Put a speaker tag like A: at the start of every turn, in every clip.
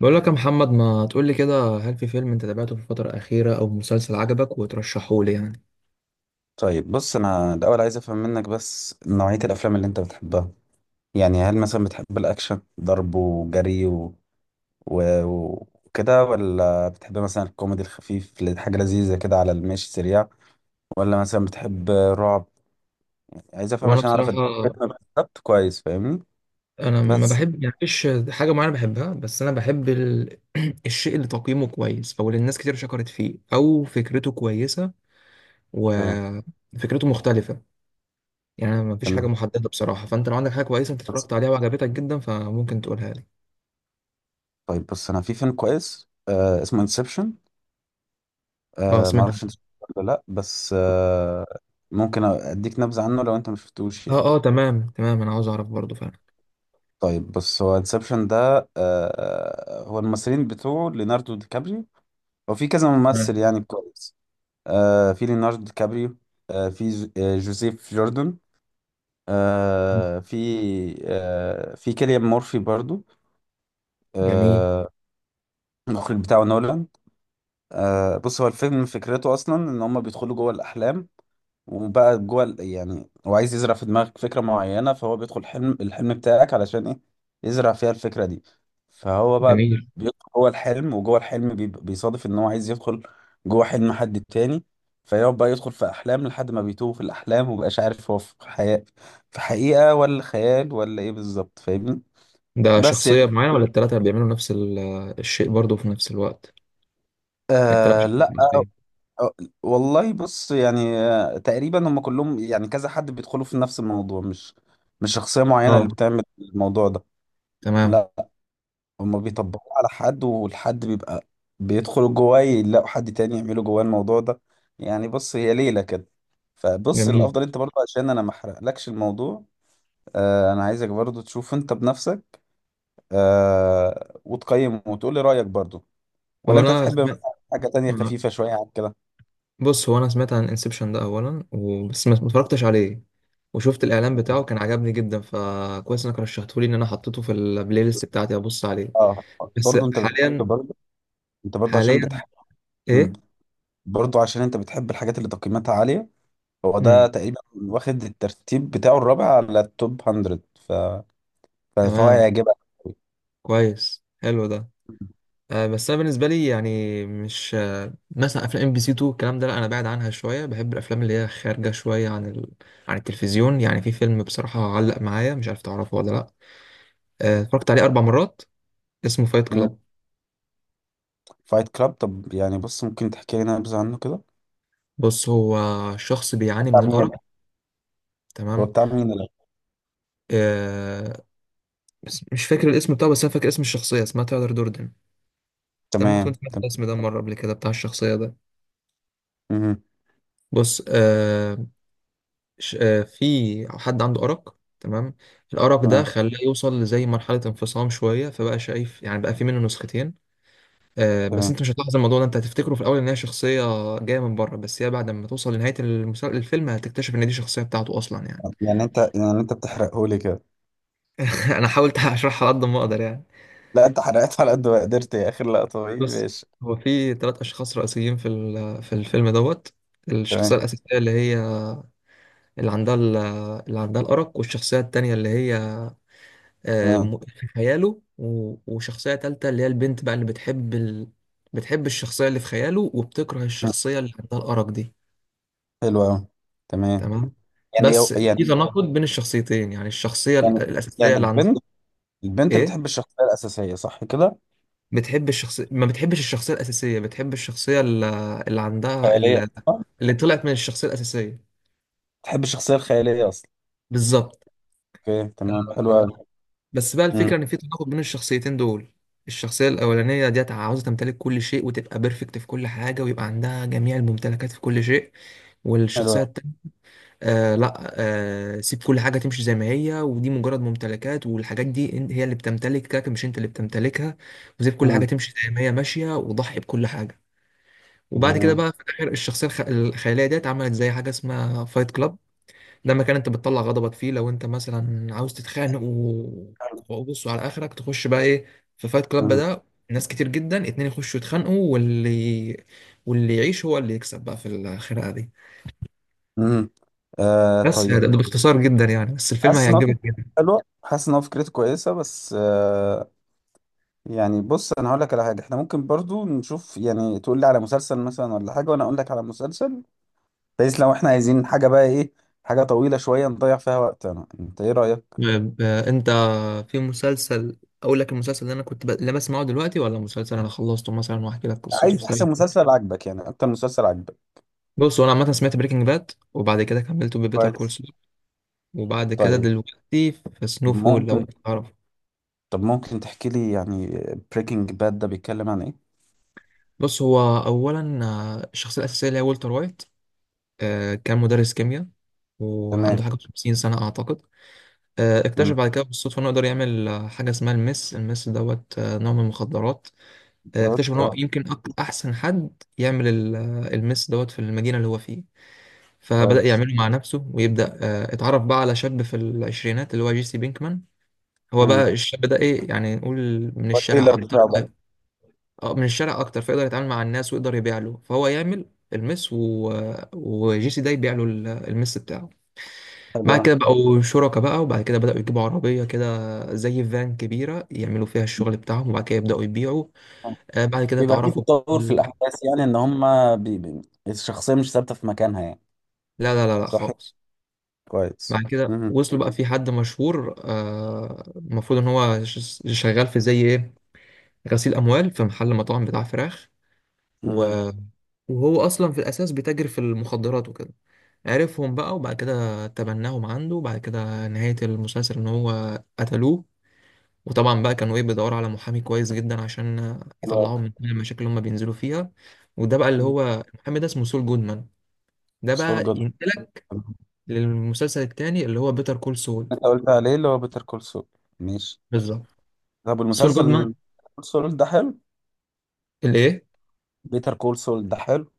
A: بقول لك يا محمد ما تقول لي كده، هل في فيلم انت تابعته في الفترة الأخيرة أو مسلسل عجبك وترشحه لي يعني؟
B: طيب بص انا الاول عايز افهم منك بس نوعية الافلام اللي انت بتحبها. يعني هل مثلا بتحب الاكشن ضرب وجري و... و... وكده، ولا بتحب مثلا الكوميدي الخفيف اللي حاجة لذيذة كده على المشي سريع، ولا مثلا بتحب رعب؟ عايز افهم
A: وأنا
B: عشان اعرف
A: بصراحة،
B: الفيلم بالظبط، كويس فاهمني؟
A: أنا ما
B: بس
A: بحب، يعني مفيش حاجة معينة بحبها، بس أنا بحب الشيء اللي تقييمه كويس، أو اللي الناس كتير شكرت فيه، أو فكرته كويسة
B: تمام
A: وفكرته مختلفة. يعني أنا ما فيش حاجة
B: تمام،
A: محددة بصراحة، فأنت لو عندك حاجة كويسة أنت
B: بس.
A: اتفرجت عليها وعجبتك جدا فممكن تقولها لي.
B: طيب بص انا في فيلم كويس، آه، اسمه انسبشن.
A: أه
B: آه،
A: سمعت.
B: معرفش انت شفته ولا لا، بس آه، ممكن اديك نبذة عنه لو انت مشفتوش يعني.
A: أه تمام تمام، أنا عاوز أعرف برضه فعلا.
B: طيب بص، هو انسبشن ده، آه، هو الممثلين بتوعه ليوناردو دي كابريو. هو في كذا
A: تمام.
B: ممثل يعني كويس. آه، في ليوناردو دي كابريو، آه في جوزيف جوردن، آه في آه في كيليان مورفي برضو،
A: جميل.
B: آه. المخرج بتاعه نولان. آه بص، هو الفيلم فكرته اصلا ان هم بيدخلوا جوه الاحلام. يعني هو عايز يزرع في دماغك فكرة معينة، فهو بيدخل حلم الحلم بتاعك علشان ايه؟ يزرع فيها الفكرة دي. فهو بقى
A: جميل.
B: بيدخل جوه الحلم، وجوه الحلم بيصادف ان هو عايز يدخل جوه حلم حد تاني. فيقعد بقى يدخل في احلام لحد ما بيتوه في الاحلام ومبقاش عارف هو في حياة، في حقيقة، ولا خيال، ولا ايه بالظبط، فاهمني؟
A: ده
B: بس يعني
A: شخصية معينة ولا التلاتة بيعملوا نفس الشيء برضه في نفس الوقت؟ التلات
B: آه
A: شخصيات
B: لا،
A: المصرية.
B: أه، والله بص يعني، آه، تقريبا هم كلهم يعني كذا حد بيدخلوا في نفس الموضوع، مش شخصية معينة اللي
A: اه
B: بتعمل الموضوع ده.
A: تمام.
B: لا، هم بيطبقوه على حد والحد بيبقى بيدخل جواه، يلاقوا حد تاني يعمله جواه الموضوع ده. يعني بص هي ليلة كده. فبص
A: جميل.
B: الافضل انت برضه، عشان انا ما احرقلكش الموضوع، آه انا عايزك برضه تشوف انت بنفسك، آه وتقيم وتقول لي رأيك برضه، ولا
A: هو
B: انت
A: أنا
B: تحب
A: سمعت.
B: مثلا حاجة تانية خفيفة شوية عن كده.
A: بص هو أنا سمعت عن انسبشن ده أولا بس ما اتفرجتش عليه. وشفت الإعلان بتاعه كان عجبني جدا، فكويس إنك رشحته لي، إن أنا حطيته في البلاي ليست بتاعتي أبص عليه.
B: اه
A: بس
B: برضه انت بتحب
A: حاليا.
B: برضه، انت برضو عشان
A: حاليا.
B: بتحب. مم.
A: إيه؟
B: برضو عشان انت بتحب الحاجات اللي تقييماتها عالية. هو ده
A: مم.
B: تقريبا واخد الترتيب بتاعه الرابع على التوب 100، ف... ف- فهو
A: تمام.
B: هيعجبك.
A: كويس حلو ده. بس انا بالنسبه لي يعني مش، مثلا افلام ام بي سي 2 الكلام ده، لا انا بعد عنها شويه. بحب الافلام اللي هي خارجه شويه عن عن التلفزيون. يعني في فيلم بصراحه علق معايا، مش عارف تعرفه ولا لا. اتفرجت عليه 4 مرات، اسمه فايت
B: مم.
A: كلاب.
B: فايت كلاب، طب يعني بص ممكن تحكي لنا نبذة عنه كده؟
A: بص، هو شخص بيعاني
B: بتاع
A: من
B: مين
A: الارق.
B: ال- هو
A: تمام.
B: بتاع مين
A: آه، بس مش فاكر الاسم بتاعه، بس انا فاكر اسم الشخصيه، اسمها تايلر دوردن. انت ممكن تكون
B: تمام
A: سمعت
B: تمام
A: الاسم ده مره قبل كده، بتاع الشخصيه ده.
B: مم.
A: بص آه، في حد عنده أرق، تمام. الأرق ده
B: تمام
A: خلاه يوصل لزي مرحلة انفصام شوية، فبقى شايف يعني بقى في منه نسختين. بس
B: تمام
A: انت مش هتلاحظ الموضوع ده، انت هتفتكره في الأول ان هي شخصية جاية من بره، بس هي بعد ما توصل لنهاية الفيلم هتكتشف ان دي شخصية بتاعته أصلا يعني.
B: يعني انت، يعني انت بتحرقه لي كده.
A: أنا حاولت أشرحها على قد ما أقدر يعني.
B: لا انت حرقت على قد ما قدرت يا اخر لقطة، طيب
A: بص،
B: ماشي.
A: هو في 3 أشخاص رئيسيين في في الفيلم دوت. الشخصية
B: تمام
A: الأساسية اللي هي، اللي عندها ال- اللي عندها الأرق، والشخصية التانية اللي هي
B: تمام
A: في خياله، وشخصية تالتة اللي هي البنت بقى اللي بتحب بتحب الشخصية اللي في خياله، وبتكره
B: مم.
A: الشخصية اللي عندها الأرق دي.
B: حلو قوي. تمام.
A: تمام. بس
B: يعني،
A: في تناقض بين الشخصيتين، يعني الشخصية
B: يعني
A: الأساسية
B: يعني
A: اللي عندها.
B: البنت، البنت بتحب
A: إيه،
B: الشخصية الأساسية، صح كده؟
A: بتحب الشخصية، ما بتحبش الشخصية الأساسية، بتحب الشخصية اللي عندها
B: خيالية،
A: ال-
B: صح؟
A: اللي طلعت من الشخصية الأساسية.
B: بتحب الشخصية الخيالية أصلا.
A: بالظبط.
B: أوكي تمام، حلوة
A: آه،
B: أوي.
A: بس بقى
B: مم،
A: الفكرة إن في تناقض بين الشخصيتين دول. الشخصية الأولانية ديت عاوزة تمتلك كل شيء، وتبقى بيرفكت في كل حاجة، ويبقى عندها جميع الممتلكات في كل شيء.
B: حلوة أوي.
A: والشخصية التانية، آه لا، آه، سيب كل حاجة تمشي زي ما هي، ودي مجرد ممتلكات، والحاجات دي هي اللي بتمتلكك مش أنت اللي بتمتلكها. وسيب كل حاجة
B: مم،
A: تمشي زي ما هي ماشية، وضحي بكل حاجة. وبعد كده
B: جميل.
A: بقى في الآخر، الشخصية الخيالية ديت عملت زي حاجة اسمها فايت كلاب. ده مكان انت بتطلع غضبك فيه لو انت مثلا عاوز تتخانق، وبص على اخرك تخش بقى ايه في فايت كلاب
B: مم،
A: ده. ناس كتير جدا، اتنين يخشوا يتخانقوا، واللي يعيش هو اللي يكسب بقى في الخناقه دي.
B: مم. آه
A: بس ده
B: طيب.
A: والله ده باختصار جدا يعني، بس الفيلم
B: حاسس إن هو
A: هيعجبك جدا.
B: حلوة، حاسس إن هو فكرته كويسة، بس آه، يعني بص أنا هقول لك على حاجة، إحنا ممكن برضو نشوف، يعني تقول لي على مسلسل مثلا ولا حاجة، وأنا أقول لك على مسلسل. بحيث لو إحنا عايزين حاجة بقى إيه، حاجة طويلة شوية نضيع فيها وقتنا، أنت إيه رأيك؟
A: طيب، انت، في مسلسل، اقول لك المسلسل اللي انا كنت اللي بسمعه دلوقتي، ولا مسلسل انا خلصته مثلا واحكي لك قصته
B: عايز
A: سريع؟
B: أحسن مسلسل عاجبك، يعني أكتر مسلسل عاجبك.
A: بص، هو انا عامه سمعت بريكنج باد، وبعد كده كملته ببيتر كول
B: كويس.
A: سول، وبعد كده
B: طيب.
A: دلوقتي في سنو
B: طب
A: فول، لو
B: ممكن
A: انت تعرف.
B: طب ممكن تحكي لي يعني بريكنج باد ده بيتكلم عن ايه؟
A: بص، هو اولا الشخصيه الاساسيه اللي هي والتر وايت، كان مدرس كيمياء،
B: تمام.
A: وعنده حاجه 50 سنه اعتقد. اكتشف
B: امم.
A: بعد كده بالصدفه انه يقدر يعمل، حاجه اسمها المس دوت، نوع من المخدرات.
B: براد،
A: اكتشف ان هو
B: اه.
A: يمكن احسن حد يعمل المس دوت في المدينه اللي هو فيه. فبدا
B: كويس.
A: يعمله مع نفسه ويبدا، اتعرف بقى على شاب في العشرينات اللي هو جيسي بينكمان. هو بقى
B: امم.
A: الشاب ده ايه يعني، نقول من الشارع.
B: التيلر بتاعه بقى.
A: اه، من الشارع اكتر، فيقدر يتعامل مع الناس ويقدر يبيع له. فهو يعمل المس وجي سي ده يبيع له المس بتاعه.
B: حلو
A: بعد
B: أوي.
A: كده بقوا شركاء بقى، وبعد كده بدأوا يجيبوا عربية كده زي فان كبيرة يعملوا فيها الشغل بتاعهم، وبعد كده يبدأوا يبيعوا.
B: مم.
A: آه، بعد كده
B: بيبقى فيه
A: اتعرفوا
B: تطور في
A: بال-
B: الاحداث يعني ان هم، بي... بي... الشخصيه مش ثابته في مكانها يعني.
A: لا
B: صح.
A: خالص.
B: كويس.
A: بعد كده
B: امم.
A: وصلوا بقى في حد مشهور، المفروض ان هو شغال في زي ايه، غسيل اموال في محل مطاعم بتاع فراخ، و...
B: امم.
A: وهو اصلا في الاساس بيتاجر في المخدرات وكده. عرفهم بقى، وبعد كده تبناهم عنده، وبعد كده نهاية المسلسل إن هو قتلوه. وطبعا بقى كانوا إيه، بيدوروا على محامي كويس جدا عشان
B: حلو أوي.
A: يطلعهم من كل المشاكل اللي هم بينزلوا فيها. وده بقى اللي
B: مم.
A: هو المحامي ده، اسمه سول جودمان. ده
B: سول
A: بقى
B: جود،
A: ينقلك للمسلسل التاني اللي هو بيتر كول سول.
B: انت قلت عليه اللي هو بيتر كول سول، ماشي.
A: بالظبط.
B: طب
A: سول
B: المسلسل
A: جودمان
B: كول سول ده حلو،
A: اللي إيه.
B: بيتر كول سول ده حلو.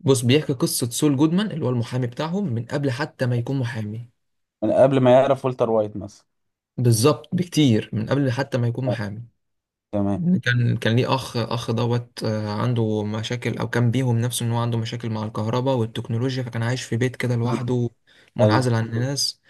A: بص، بيحكي قصة سول جودمان اللي هو المحامي بتاعهم، من قبل حتى ما يكون محامي.
B: من قبل ما يعرف والتر وايت مثلا.
A: بالظبط، بكتير من قبل حتى ما يكون محامي.
B: تمام.
A: مم. كان ليه اخ، اخ دوت، عنده مشاكل، او كان بيهم نفسه ان هو عنده مشاكل مع الكهرباء والتكنولوجيا، فكان عايش في بيت كده
B: مم.
A: لوحده
B: ايوه.
A: منعزل عن الناس.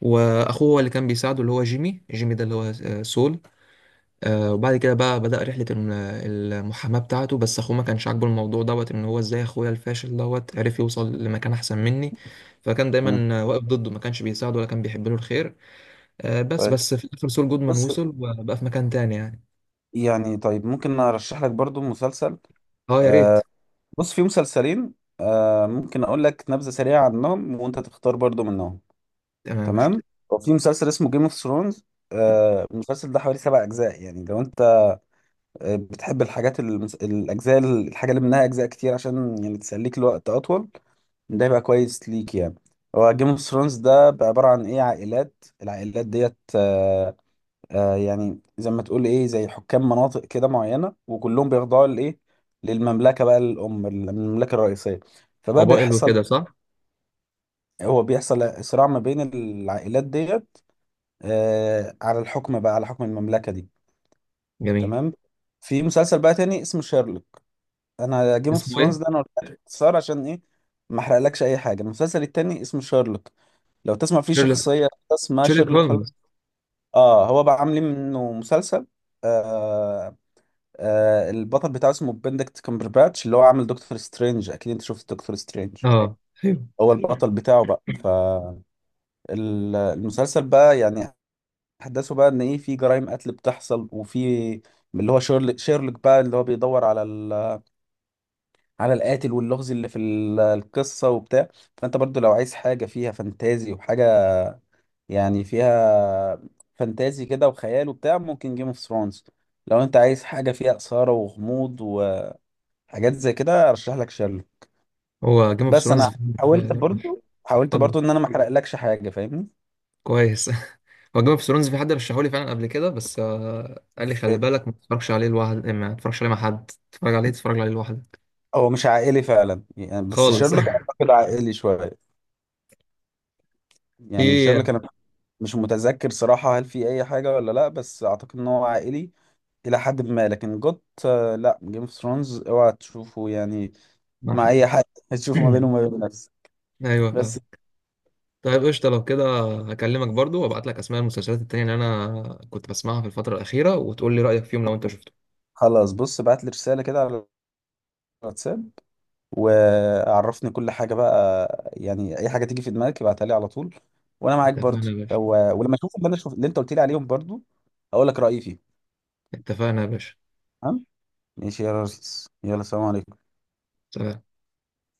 A: واخوه هو اللي كان بيساعده، اللي هو جيمي ده اللي هو سول. وبعد كده بقى بدأ رحلة المحاماة بتاعته، بس اخوه ما كانش عاجبه الموضوع دوت، ان هو ازاي اخويا الفاشل دوت عرف يوصل لمكان احسن مني. فكان
B: مم.
A: دايما واقف ضده، ما كانش بيساعده ولا كان بيحب له الخير. بس في الاخر سول جودمان
B: بص
A: وصل وبقى في مكان تاني يعني.
B: يعني، طيب ممكن ارشح لك برضو مسلسل.
A: اه يا ريت.
B: آه بص في مسلسلين، آه ممكن اقول لك نبذة سريعة عنهم وانت تختار برضو منهم.
A: تمام، مش
B: تمام. وفي مسلسل اسمه جيم اوف ثرونز. آه المسلسل ده حوالي سبع اجزاء، يعني لو انت، آه، بتحب الحاجات الاجزاء، الحاجة اللي منها اجزاء كتير عشان يعني تسليك الوقت اطول، ده يبقى كويس ليك يعني. هو جيم اوف ثرونز ده عبارة عن ايه، عائلات. العائلات ديت، آه، آه يعني زي ما تقول ايه، زي حكام مناطق كده معينه، وكلهم بيخضعوا لايه، للمملكه بقى، الام المملكه الرئيسيه. فبقى
A: موبايل
B: بيحصل
A: وكده صح؟
B: هو بيحصل صراع ما بين العائلات ديت، آه على الحكم بقى، على حكم المملكه دي.
A: جميل.
B: تمام. في مسلسل بقى تاني اسمه شيرلوك. انا جيم اوف
A: اسمه
B: ثرونز
A: ايه؟
B: ده انا قلت لك باختصار عشان ايه، ما احرقلكش اي حاجه. المسلسل التاني اسمه شيرلوك، لو تسمع فيه
A: شيرلوك.
B: شخصيه اسمها
A: شيرلوك
B: شيرلوك هول.
A: هولمز.
B: اه هو بقى عاملين منه مسلسل، آه، آه البطل بتاعه اسمه بندكت كامبرباتش، اللي هو عامل دكتور سترينج، اكيد انت شفت دكتور سترينج.
A: اه. ايوه.
B: هو البطل بتاعه بقى. فالمسلسل بقى يعني احداثه بقى ان ايه، في جرائم قتل بتحصل، وفي اللي هو شيرلوك بقى اللي هو بيدور على على القاتل واللغز اللي في القصة وبتاع. فانت برضو لو عايز حاجة فيها فانتازي وحاجة، يعني فيها فانتازي كده وخيال وبتاع، ممكن جيم اوف ثرونز. لو انت عايز حاجة فيها إثارة وغموض وحاجات زي كده، ارشح لك شيرلوك.
A: هو جيم اوف
B: بس انا
A: ثرونز.
B: حاولت برضو حاولت
A: اتفضل.
B: برضو ان انا ما احرقلكش حاجه، فاهمني؟
A: كويس. هو جيم اوف ثرونز في حد رشحولي فعلا قبل كده، بس آه قال لي خلي
B: اوكي.
A: بالك ما تتفرجش عليه لوحدك، ما تتفرجش عليه مع حد، تتفرج عليه، تتفرج عليه لوحدك.
B: هو مش عائلي فعلا يعني، بس
A: خالص.
B: شيرلوك اعتقد عائلي شويه. يعني
A: في
B: شيرلوك انا مش متذكر صراحه هل في اي حاجه ولا لا، بس اعتقد ان هو عائلي الى حد ما. لكن جوت آه، لا، جيم اوف ثرونز اوعى تشوفه يعني
A: مع
B: مع
A: حد.
B: اي حد، تشوفه ما بينه وما بين نفسه.
A: ايوه
B: بس.
A: فاهم. طيب قشطة لو كده، هكلمك برضو وابعت لك اسماء المسلسلات التانية اللي انا كنت بسمعها في الفترة الأخيرة، وتقول لي رأيك فيهم لو انت شفته.
B: خلاص بص، بعت لي رساله كده على الواتساب وعرفني كل حاجه بقى، يعني اي حاجه تيجي في دماغك ابعتها لي على طول، وانا معاك برضو
A: اتفقنا يا باشا.
B: لو، ولما اشوف اللي انا شوف اللي انت قلت لي عليهم برضو اقول لك رايي فيه.
A: اتفقنا يا باشا.
B: تمام. ماشي يا ريس، يلا سلام عليكم.
A: سلام.